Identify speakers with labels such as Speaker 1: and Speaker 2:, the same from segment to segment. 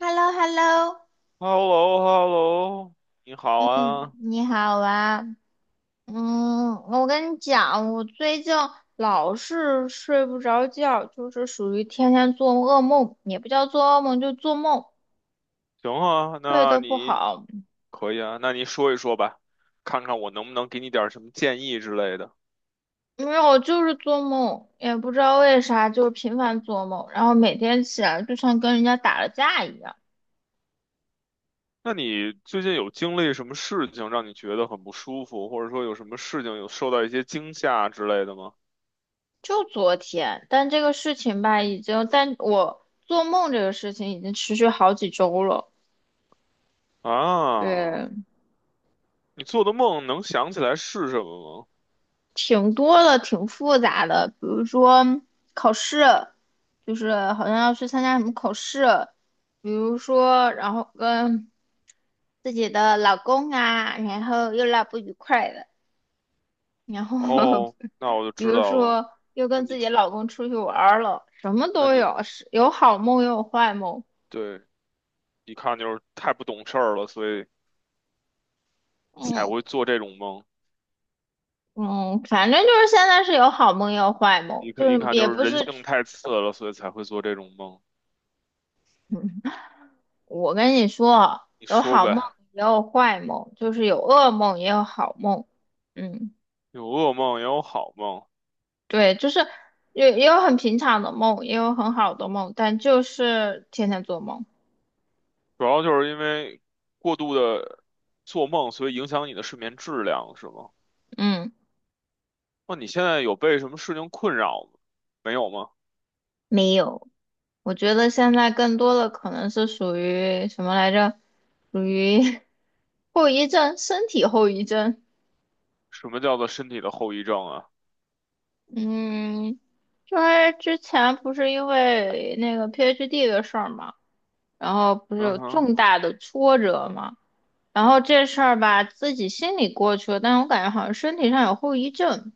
Speaker 1: h e l l o h e l l o
Speaker 2: h e l l o h e l l o 你好
Speaker 1: 嗯，
Speaker 2: 啊，
Speaker 1: 你好啊。嗯，我跟你讲，我最近老是睡不着觉，就是属于天天做噩梦，也不叫做噩梦，就做梦，
Speaker 2: 行啊，
Speaker 1: 睡
Speaker 2: 那
Speaker 1: 得不
Speaker 2: 你
Speaker 1: 好。
Speaker 2: 可以啊，那你说一说吧，看看我能不能给你点儿什么建议之类的。
Speaker 1: 没有，就是做梦，也不知道为啥，就是频繁做梦，然后每天起来就像跟人家打了架一样。
Speaker 2: 那你最近有经历什么事情让你觉得很不舒服，或者说有什么事情有受到一些惊吓之类的吗？
Speaker 1: 就昨天，但这个事情吧，已经，但我做梦这个事情已经持续好几周了。对，
Speaker 2: 啊，你做的梦能想起来是什么吗？
Speaker 1: 挺多的，挺复杂的，比如说考试，就是好像要去参加什么考试，比如说，然后跟自己的老公啊，然后又闹不愉快的，然后
Speaker 2: 哦，那我就
Speaker 1: 比
Speaker 2: 知
Speaker 1: 如
Speaker 2: 道了。
Speaker 1: 说又
Speaker 2: 那
Speaker 1: 跟
Speaker 2: 你
Speaker 1: 自己
Speaker 2: 这
Speaker 1: 老公出去玩儿了，什么
Speaker 2: 那
Speaker 1: 都
Speaker 2: 你
Speaker 1: 有，是有好梦也有坏梦，
Speaker 2: 对，一看就是太不懂事儿了，所以才
Speaker 1: 嗯
Speaker 2: 会做这种梦。
Speaker 1: 嗯，反正就是现在是有好梦也有坏梦，
Speaker 2: 一看
Speaker 1: 就
Speaker 2: 一
Speaker 1: 是
Speaker 2: 看
Speaker 1: 也
Speaker 2: 就是
Speaker 1: 不
Speaker 2: 人
Speaker 1: 是
Speaker 2: 性太次了，所以才会做这种梦。
Speaker 1: 我跟你说，
Speaker 2: 你
Speaker 1: 有
Speaker 2: 说
Speaker 1: 好梦
Speaker 2: 呗，
Speaker 1: 也有坏梦，就是有噩梦也有好梦。嗯，
Speaker 2: 有噩梦也有好梦，
Speaker 1: 对，就是也有很平常的梦，也有很好的梦，但就是天天做梦。
Speaker 2: 主要就是因为过度的做梦，所以影响你的睡眠质量，是吗？
Speaker 1: 嗯，
Speaker 2: 那你现在有被什么事情困扰吗？没有吗？
Speaker 1: 没有。我觉得现在更多的可能是属于什么来着？属于 后遗症，身体后遗症。
Speaker 2: 什么叫做身体的后遗症啊？
Speaker 1: 嗯，就是之前不是因为那个 PhD 的事儿嘛，然后不是
Speaker 2: 嗯
Speaker 1: 有
Speaker 2: 哼，
Speaker 1: 重大的挫折嘛。然后这事儿吧，自己心里过去了，但是我感觉好像身体上有后遗症。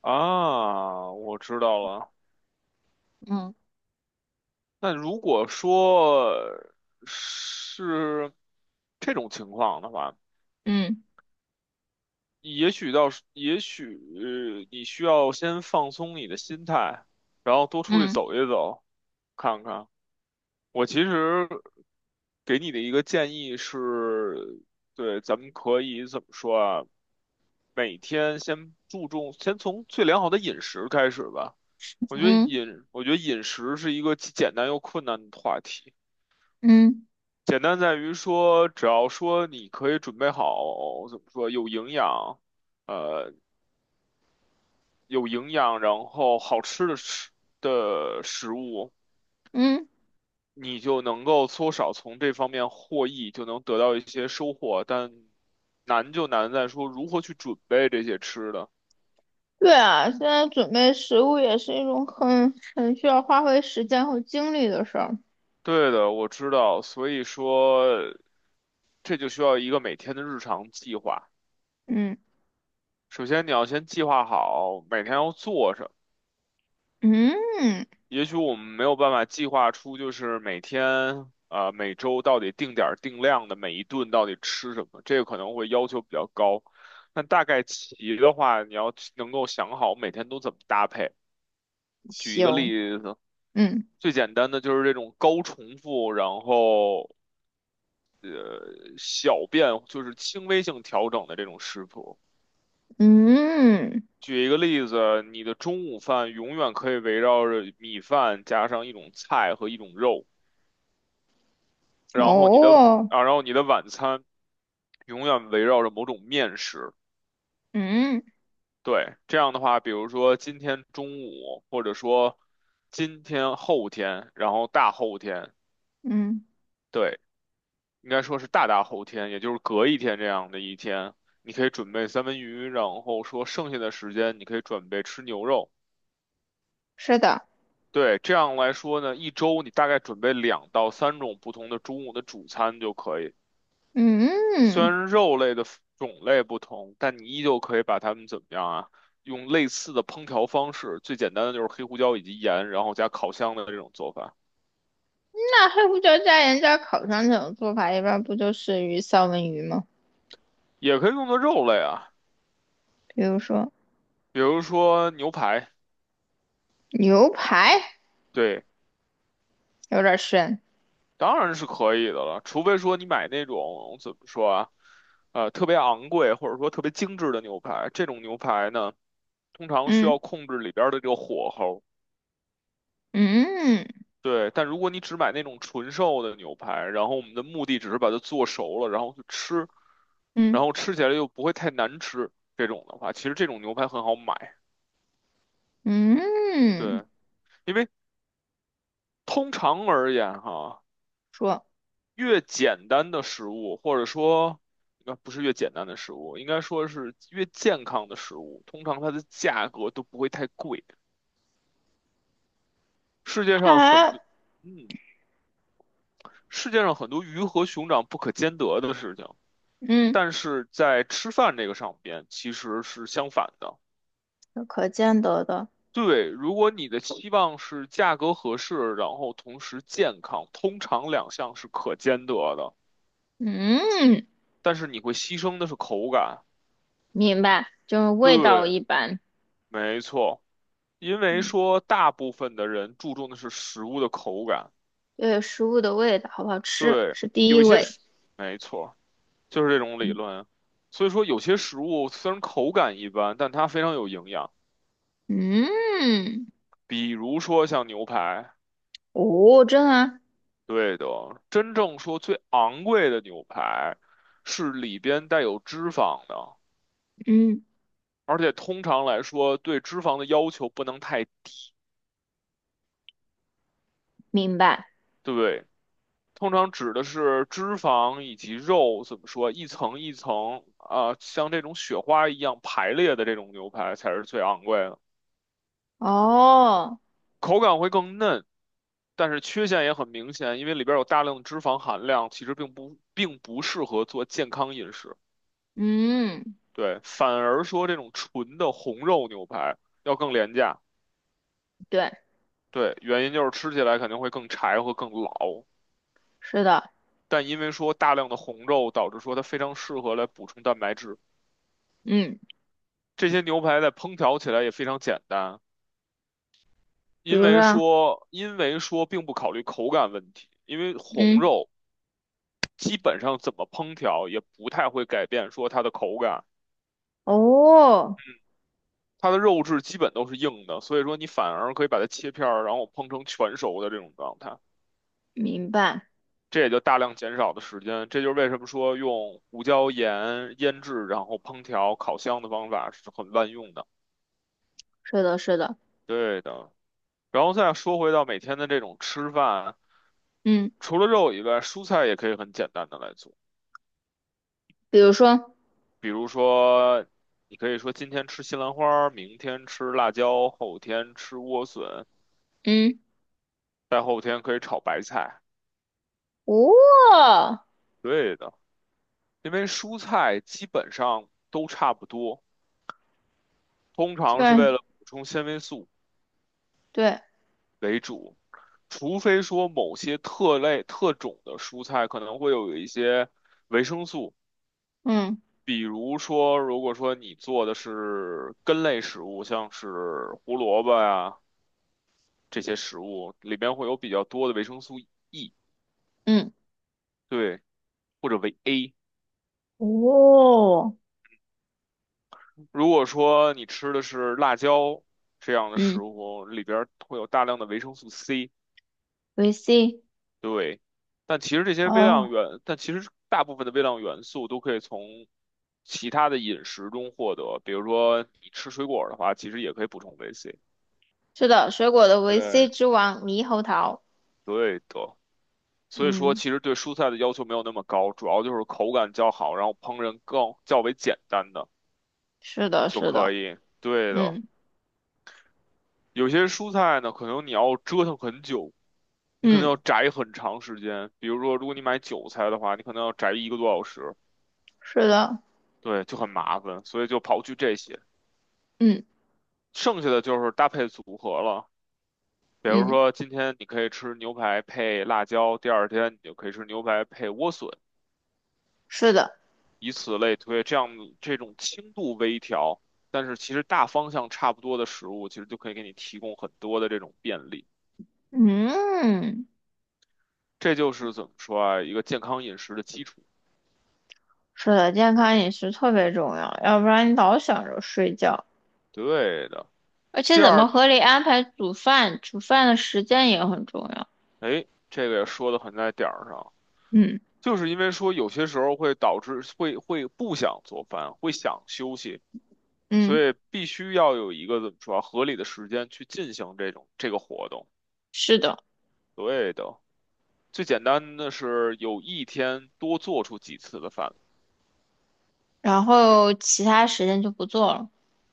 Speaker 2: 啊，我知道了。
Speaker 1: 嗯
Speaker 2: 那如果说是这种情况的话，
Speaker 1: 嗯
Speaker 2: 也许你需要先放松你的心态，然后多出去
Speaker 1: 嗯
Speaker 2: 走一走，看看。我其实给你的一个建议是，对，咱们可以怎么说啊？每天先注重，先从最良好的饮食开始吧。我觉得
Speaker 1: 嗯
Speaker 2: 饮，我觉得饮食是一个既简单又困难的话题。
Speaker 1: 嗯
Speaker 2: 简单在于说，只要说你可以准备好，怎么说，有营养。呃，有营养，然后好吃的食物，
Speaker 1: 嗯，
Speaker 2: 你就能够多少从这方面获益，就能得到一些收获。但难就难在说如何去准备这些吃的。
Speaker 1: 对啊，现在准备食物也是一种很需要花费时间和精力的事儿。
Speaker 2: 对的，我知道，所以说这就需要一个每天的日常计划。
Speaker 1: 嗯
Speaker 2: 首先，你要先计划好每天要做什么。
Speaker 1: 嗯，
Speaker 2: 也许我们没有办法计划出，就是每天啊、每周到底定点儿定量的每一顿到底吃什么，这个可能会要求比较高。但大概齐的话，你要能够想好每天都怎么搭配。举一个
Speaker 1: 行，
Speaker 2: 例子，
Speaker 1: 嗯
Speaker 2: 最简单的就是这种高重复，然后小变，就是轻微性调整的这种食谱。
Speaker 1: 嗯，
Speaker 2: 举一个例子，你的中午饭永远可以围绕着米饭加上一种菜和一种肉。然后你的
Speaker 1: 哦，
Speaker 2: 啊，然后你的晚餐永远围绕着某种面食。
Speaker 1: 嗯
Speaker 2: 对，这样的话，比如说今天中午，或者说今天后天，然后大后天，
Speaker 1: 嗯，
Speaker 2: 对，应该说是大大后天，也就是隔一天这样的一天，你可以准备三文鱼，然后说剩下的时间你可以准备吃牛肉。
Speaker 1: 是的。
Speaker 2: 对，这样来说呢，一周你大概准备2到3种不同的中午的主餐就可以。虽
Speaker 1: 嗯，
Speaker 2: 然肉类的种类不同，但你依旧可以把它们怎么样啊？用类似的烹调方式，最简单的就是黑胡椒以及盐，然后加烤箱的这种做法，
Speaker 1: 那黑胡椒加盐加烤肠这种做法，一般不就是三文鱼吗？
Speaker 2: 也可以用作肉类啊，
Speaker 1: 比如说
Speaker 2: 比如说牛排，
Speaker 1: 牛排。
Speaker 2: 对，
Speaker 1: 有点深。
Speaker 2: 当然是可以的了，除非说你买那种怎么说啊，特别昂贵或者说特别精致的牛排，这种牛排呢，通常需要
Speaker 1: 嗯
Speaker 2: 控制里边儿的这个火候。
Speaker 1: 嗯
Speaker 2: 对，但如果你只买那种纯瘦的牛排，然后我们的目的只是把它做熟了，然后去吃，
Speaker 1: 嗯
Speaker 2: 然后吃起来又不会太难吃，这种的话，其实这种牛排很好买。
Speaker 1: 嗯，
Speaker 2: 对，因为通常而言哈，
Speaker 1: 说
Speaker 2: 越简单的食物，或者说，应该不是越简单的食物，应该说是越健康的食物，通常它的价格都不会太贵。世界上很
Speaker 1: 还
Speaker 2: 多，嗯，世界上很多鱼和熊掌不可兼得的事情。
Speaker 1: 嗯，
Speaker 2: 但是在吃饭这个上边其实是相反的。
Speaker 1: 有可见得的。
Speaker 2: 对，如果你的期望是价格合适，然后同时健康，通常两项是可兼得的，
Speaker 1: 嗯，
Speaker 2: 但是你会牺牲的是口感。
Speaker 1: 明白，就是味道
Speaker 2: 对，
Speaker 1: 一般。
Speaker 2: 没错，因为
Speaker 1: 嗯，
Speaker 2: 说大部分的人注重的是食物的口感。
Speaker 1: 对食物的味道好不好吃
Speaker 2: 对，
Speaker 1: 是第
Speaker 2: 有
Speaker 1: 一
Speaker 2: 一些
Speaker 1: 位。
Speaker 2: 食，没错，就是这种理论。所以说，有些食物虽然口感一般，但它非常有营养，
Speaker 1: 嗯，
Speaker 2: 比如说像牛排。
Speaker 1: 哦，真的啊，
Speaker 2: 对的，真正说最昂贵的牛排是里边带有脂肪的，
Speaker 1: 嗯，
Speaker 2: 而且通常来说对脂肪的要求不能太，
Speaker 1: 明白。
Speaker 2: 对，通常指的是脂肪以及肉，怎么说，一层一层啊，像这种雪花一样排列的这种牛排才是最昂贵的，
Speaker 1: 哦，
Speaker 2: 口感会更嫩，但是缺陷也很明显，因为里边有大量的脂肪含量，其实并不适合做健康饮食。
Speaker 1: 嗯，
Speaker 2: 对，反而说这种纯的红肉牛排要更廉价。
Speaker 1: 对，
Speaker 2: 对，原因就是吃起来肯定会更柴和更老，
Speaker 1: 是的。
Speaker 2: 但因为说大量的红肉，导致说它非常适合来补充蛋白质。
Speaker 1: 嗯，
Speaker 2: 这些牛排在烹调起来也非常简单，
Speaker 1: 比
Speaker 2: 因
Speaker 1: 如
Speaker 2: 为
Speaker 1: 说，
Speaker 2: 说因为说并不考虑口感问题，因为红
Speaker 1: 嗯，
Speaker 2: 肉基本上怎么烹调也不太会改变说它的口感，
Speaker 1: 哦，
Speaker 2: 它的肉质基本都是硬的，所以说你反而可以把它切片儿，然后烹成全熟的这种状态。
Speaker 1: 明白。
Speaker 2: 这也就大量减少的时间。这就是为什么说用胡椒盐腌制，然后烹调、烤箱的方法是很万用的。
Speaker 1: 是的，是的。
Speaker 2: 对的。然后再说回到每天的这种吃饭，
Speaker 1: 嗯，
Speaker 2: 除了肉以外，蔬菜也可以很简单的来做。
Speaker 1: 比如说，
Speaker 2: 比如说，你可以说今天吃西兰花，明天吃辣椒，后天吃莴笋，
Speaker 1: 嗯。
Speaker 2: 再后天可以炒白菜。
Speaker 1: 哦，
Speaker 2: 对的，因为蔬菜基本上都差不多，通
Speaker 1: 基
Speaker 2: 常是为
Speaker 1: 本
Speaker 2: 了补充纤维素。
Speaker 1: 对，
Speaker 2: 为主，除非说某些特类特种的蔬菜可能会有一些维生素，
Speaker 1: 嗯
Speaker 2: 比如说如果说你做的是根类食物，像是胡萝卜呀、这些食物，里边会有比较多的维生素 E，
Speaker 1: 嗯
Speaker 2: 对，或者维 A。
Speaker 1: 哦，
Speaker 2: 如果说你吃的是辣椒这样的
Speaker 1: 嗯，
Speaker 2: 食物，里边会有大量的维生素 C。
Speaker 1: 维 C，
Speaker 2: 对，
Speaker 1: 哦，
Speaker 2: 但其实大部分的微量元素都可以从其他的饮食中获得，比如说你吃水果儿的话，其实也可以补充维 C。
Speaker 1: 是的，水果的维 C
Speaker 2: 对，
Speaker 1: 之王猕猴桃，
Speaker 2: 对的，所以说
Speaker 1: 嗯，
Speaker 2: 其实对蔬菜的要求没有那么高，主要就是口感较好，然后烹饪更较为简单的
Speaker 1: 是的，
Speaker 2: 就
Speaker 1: 是
Speaker 2: 可
Speaker 1: 的，
Speaker 2: 以。对的，
Speaker 1: 嗯
Speaker 2: 有些蔬菜呢，可能你要折腾很久，你可能
Speaker 1: 嗯，
Speaker 2: 要摘很长时间。比如说，如果你买韭菜的话，你可能要摘一个多小时。
Speaker 1: 是的，
Speaker 2: 对，就很麻烦，所以就刨去这些，
Speaker 1: 嗯
Speaker 2: 剩下的就是搭配组合了。比如
Speaker 1: 嗯，
Speaker 2: 说，今天你可以吃牛排配辣椒，第二天你就可以吃牛排配莴笋，
Speaker 1: 是的，
Speaker 2: 以此类推。这种轻度微调，但是其实大方向差不多的食物，其实就可以给你提供很多的这种便利。
Speaker 1: 嗯，
Speaker 2: 这就是怎么说啊，一个健康饮食的基础。
Speaker 1: 是的，健康饮食特别重要，要不然你老想着睡觉，
Speaker 2: 对的。
Speaker 1: 而且
Speaker 2: 第
Speaker 1: 怎么
Speaker 2: 二，
Speaker 1: 合理安排煮饭，煮饭的时间也很重要，
Speaker 2: 哎，这个也说的很在点儿上。
Speaker 1: 嗯
Speaker 2: 就是因为说有些时候会导致会不想做饭，会想休息，所
Speaker 1: 嗯，
Speaker 2: 以必须要有一个怎么说啊合理的时间去进行这种这个活动。
Speaker 1: 是的，
Speaker 2: 对的，最简单的是有一天多做出几次的饭。
Speaker 1: 然后其他时间就不做了。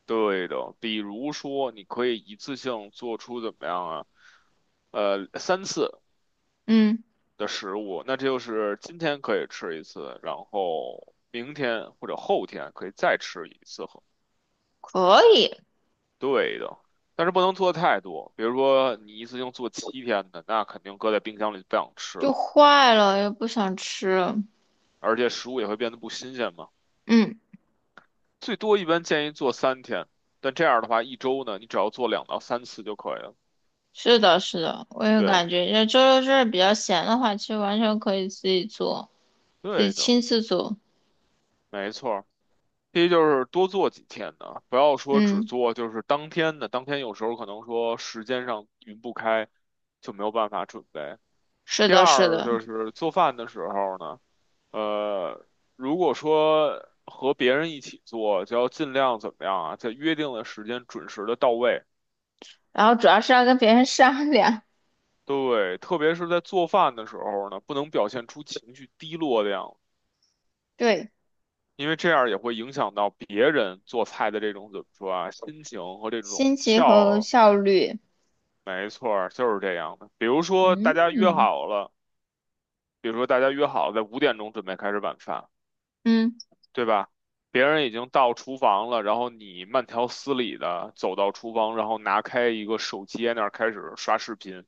Speaker 2: 对的，比如说你可以一次性做出怎么样啊？三次
Speaker 1: 嗯，
Speaker 2: 的食物，那这就是今天可以吃一次，然后明天或者后天可以再吃一次。
Speaker 1: 可以，
Speaker 2: 对的，但是不能做太多，比如说你一次性做7天的，那肯定搁在冰箱里就不想吃
Speaker 1: 就
Speaker 2: 了。
Speaker 1: 坏了又不想吃。
Speaker 2: 而且食物也会变得不新鲜嘛。
Speaker 1: 嗯，
Speaker 2: 最多一般建议做3天，但这样的话一周呢，你只要做2到3次就可以了。
Speaker 1: 是的，是的，我也
Speaker 2: 对，
Speaker 1: 感觉，这周六日比较闲的话，其实完全可以自己做，自己
Speaker 2: 对的，
Speaker 1: 亲自做。
Speaker 2: 没错。第一就是多做几天的，不要说只
Speaker 1: 嗯，
Speaker 2: 做就是当天的，当天有时候可能说时间上匀不开，就没有办法准备。
Speaker 1: 是
Speaker 2: 第
Speaker 1: 的，是
Speaker 2: 二就
Speaker 1: 的。
Speaker 2: 是做饭的时候呢，呃，如果说和别人一起做，就要尽量怎么样啊，在约定的时间准时的到位。
Speaker 1: 然后主要是要跟别人商量，
Speaker 2: 对，特别是在做饭的时候呢，不能表现出情绪低落的样子，
Speaker 1: 对，
Speaker 2: 因为这样也会影响到别人做菜的这种怎么说啊，心情和这种
Speaker 1: 心情和
Speaker 2: 笑
Speaker 1: 效率。
Speaker 2: 没错儿，就是这样的。
Speaker 1: 嗯，嗯，
Speaker 2: 比如说大家约好了在5点钟准备开始晚饭，
Speaker 1: 嗯
Speaker 2: 对吧？别人已经到厨房了，然后你慢条斯理的走到厨房，然后拿开一个手机在那儿开始刷视频。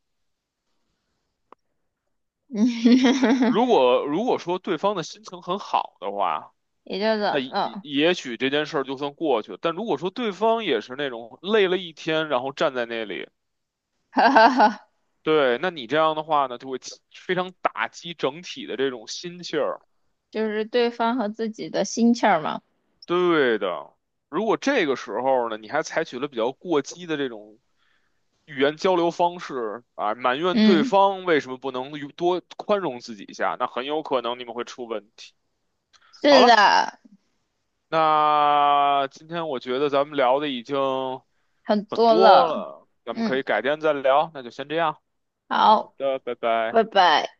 Speaker 1: 嗯，
Speaker 2: 如 果如果说对方的心情很好的话，
Speaker 1: 也就怎
Speaker 2: 那也
Speaker 1: 了，
Speaker 2: 也许这件事儿就算过去了。但如果说对方也是那种累了一天，然后站在那里，
Speaker 1: 哈哈哈，
Speaker 2: 对，那你这样的话呢，就会起非常打击整体的这种心气儿。
Speaker 1: 就是对方和自己的心气儿嘛。
Speaker 2: 对的，如果这个时候呢，你还采取了比较过激的这种语言交流方式啊，埋怨对
Speaker 1: 嗯，
Speaker 2: 方为什么不能与多宽容自己一下，那很有可能你们会出问题。好
Speaker 1: 是
Speaker 2: 了。
Speaker 1: 的，
Speaker 2: 那今天我觉得咱们聊的已经
Speaker 1: 很
Speaker 2: 很
Speaker 1: 多
Speaker 2: 多
Speaker 1: 了。
Speaker 2: 了，咱们可
Speaker 1: 嗯，
Speaker 2: 以改天再聊，那就先这样。好
Speaker 1: 好。
Speaker 2: 的，拜拜。
Speaker 1: 拜拜。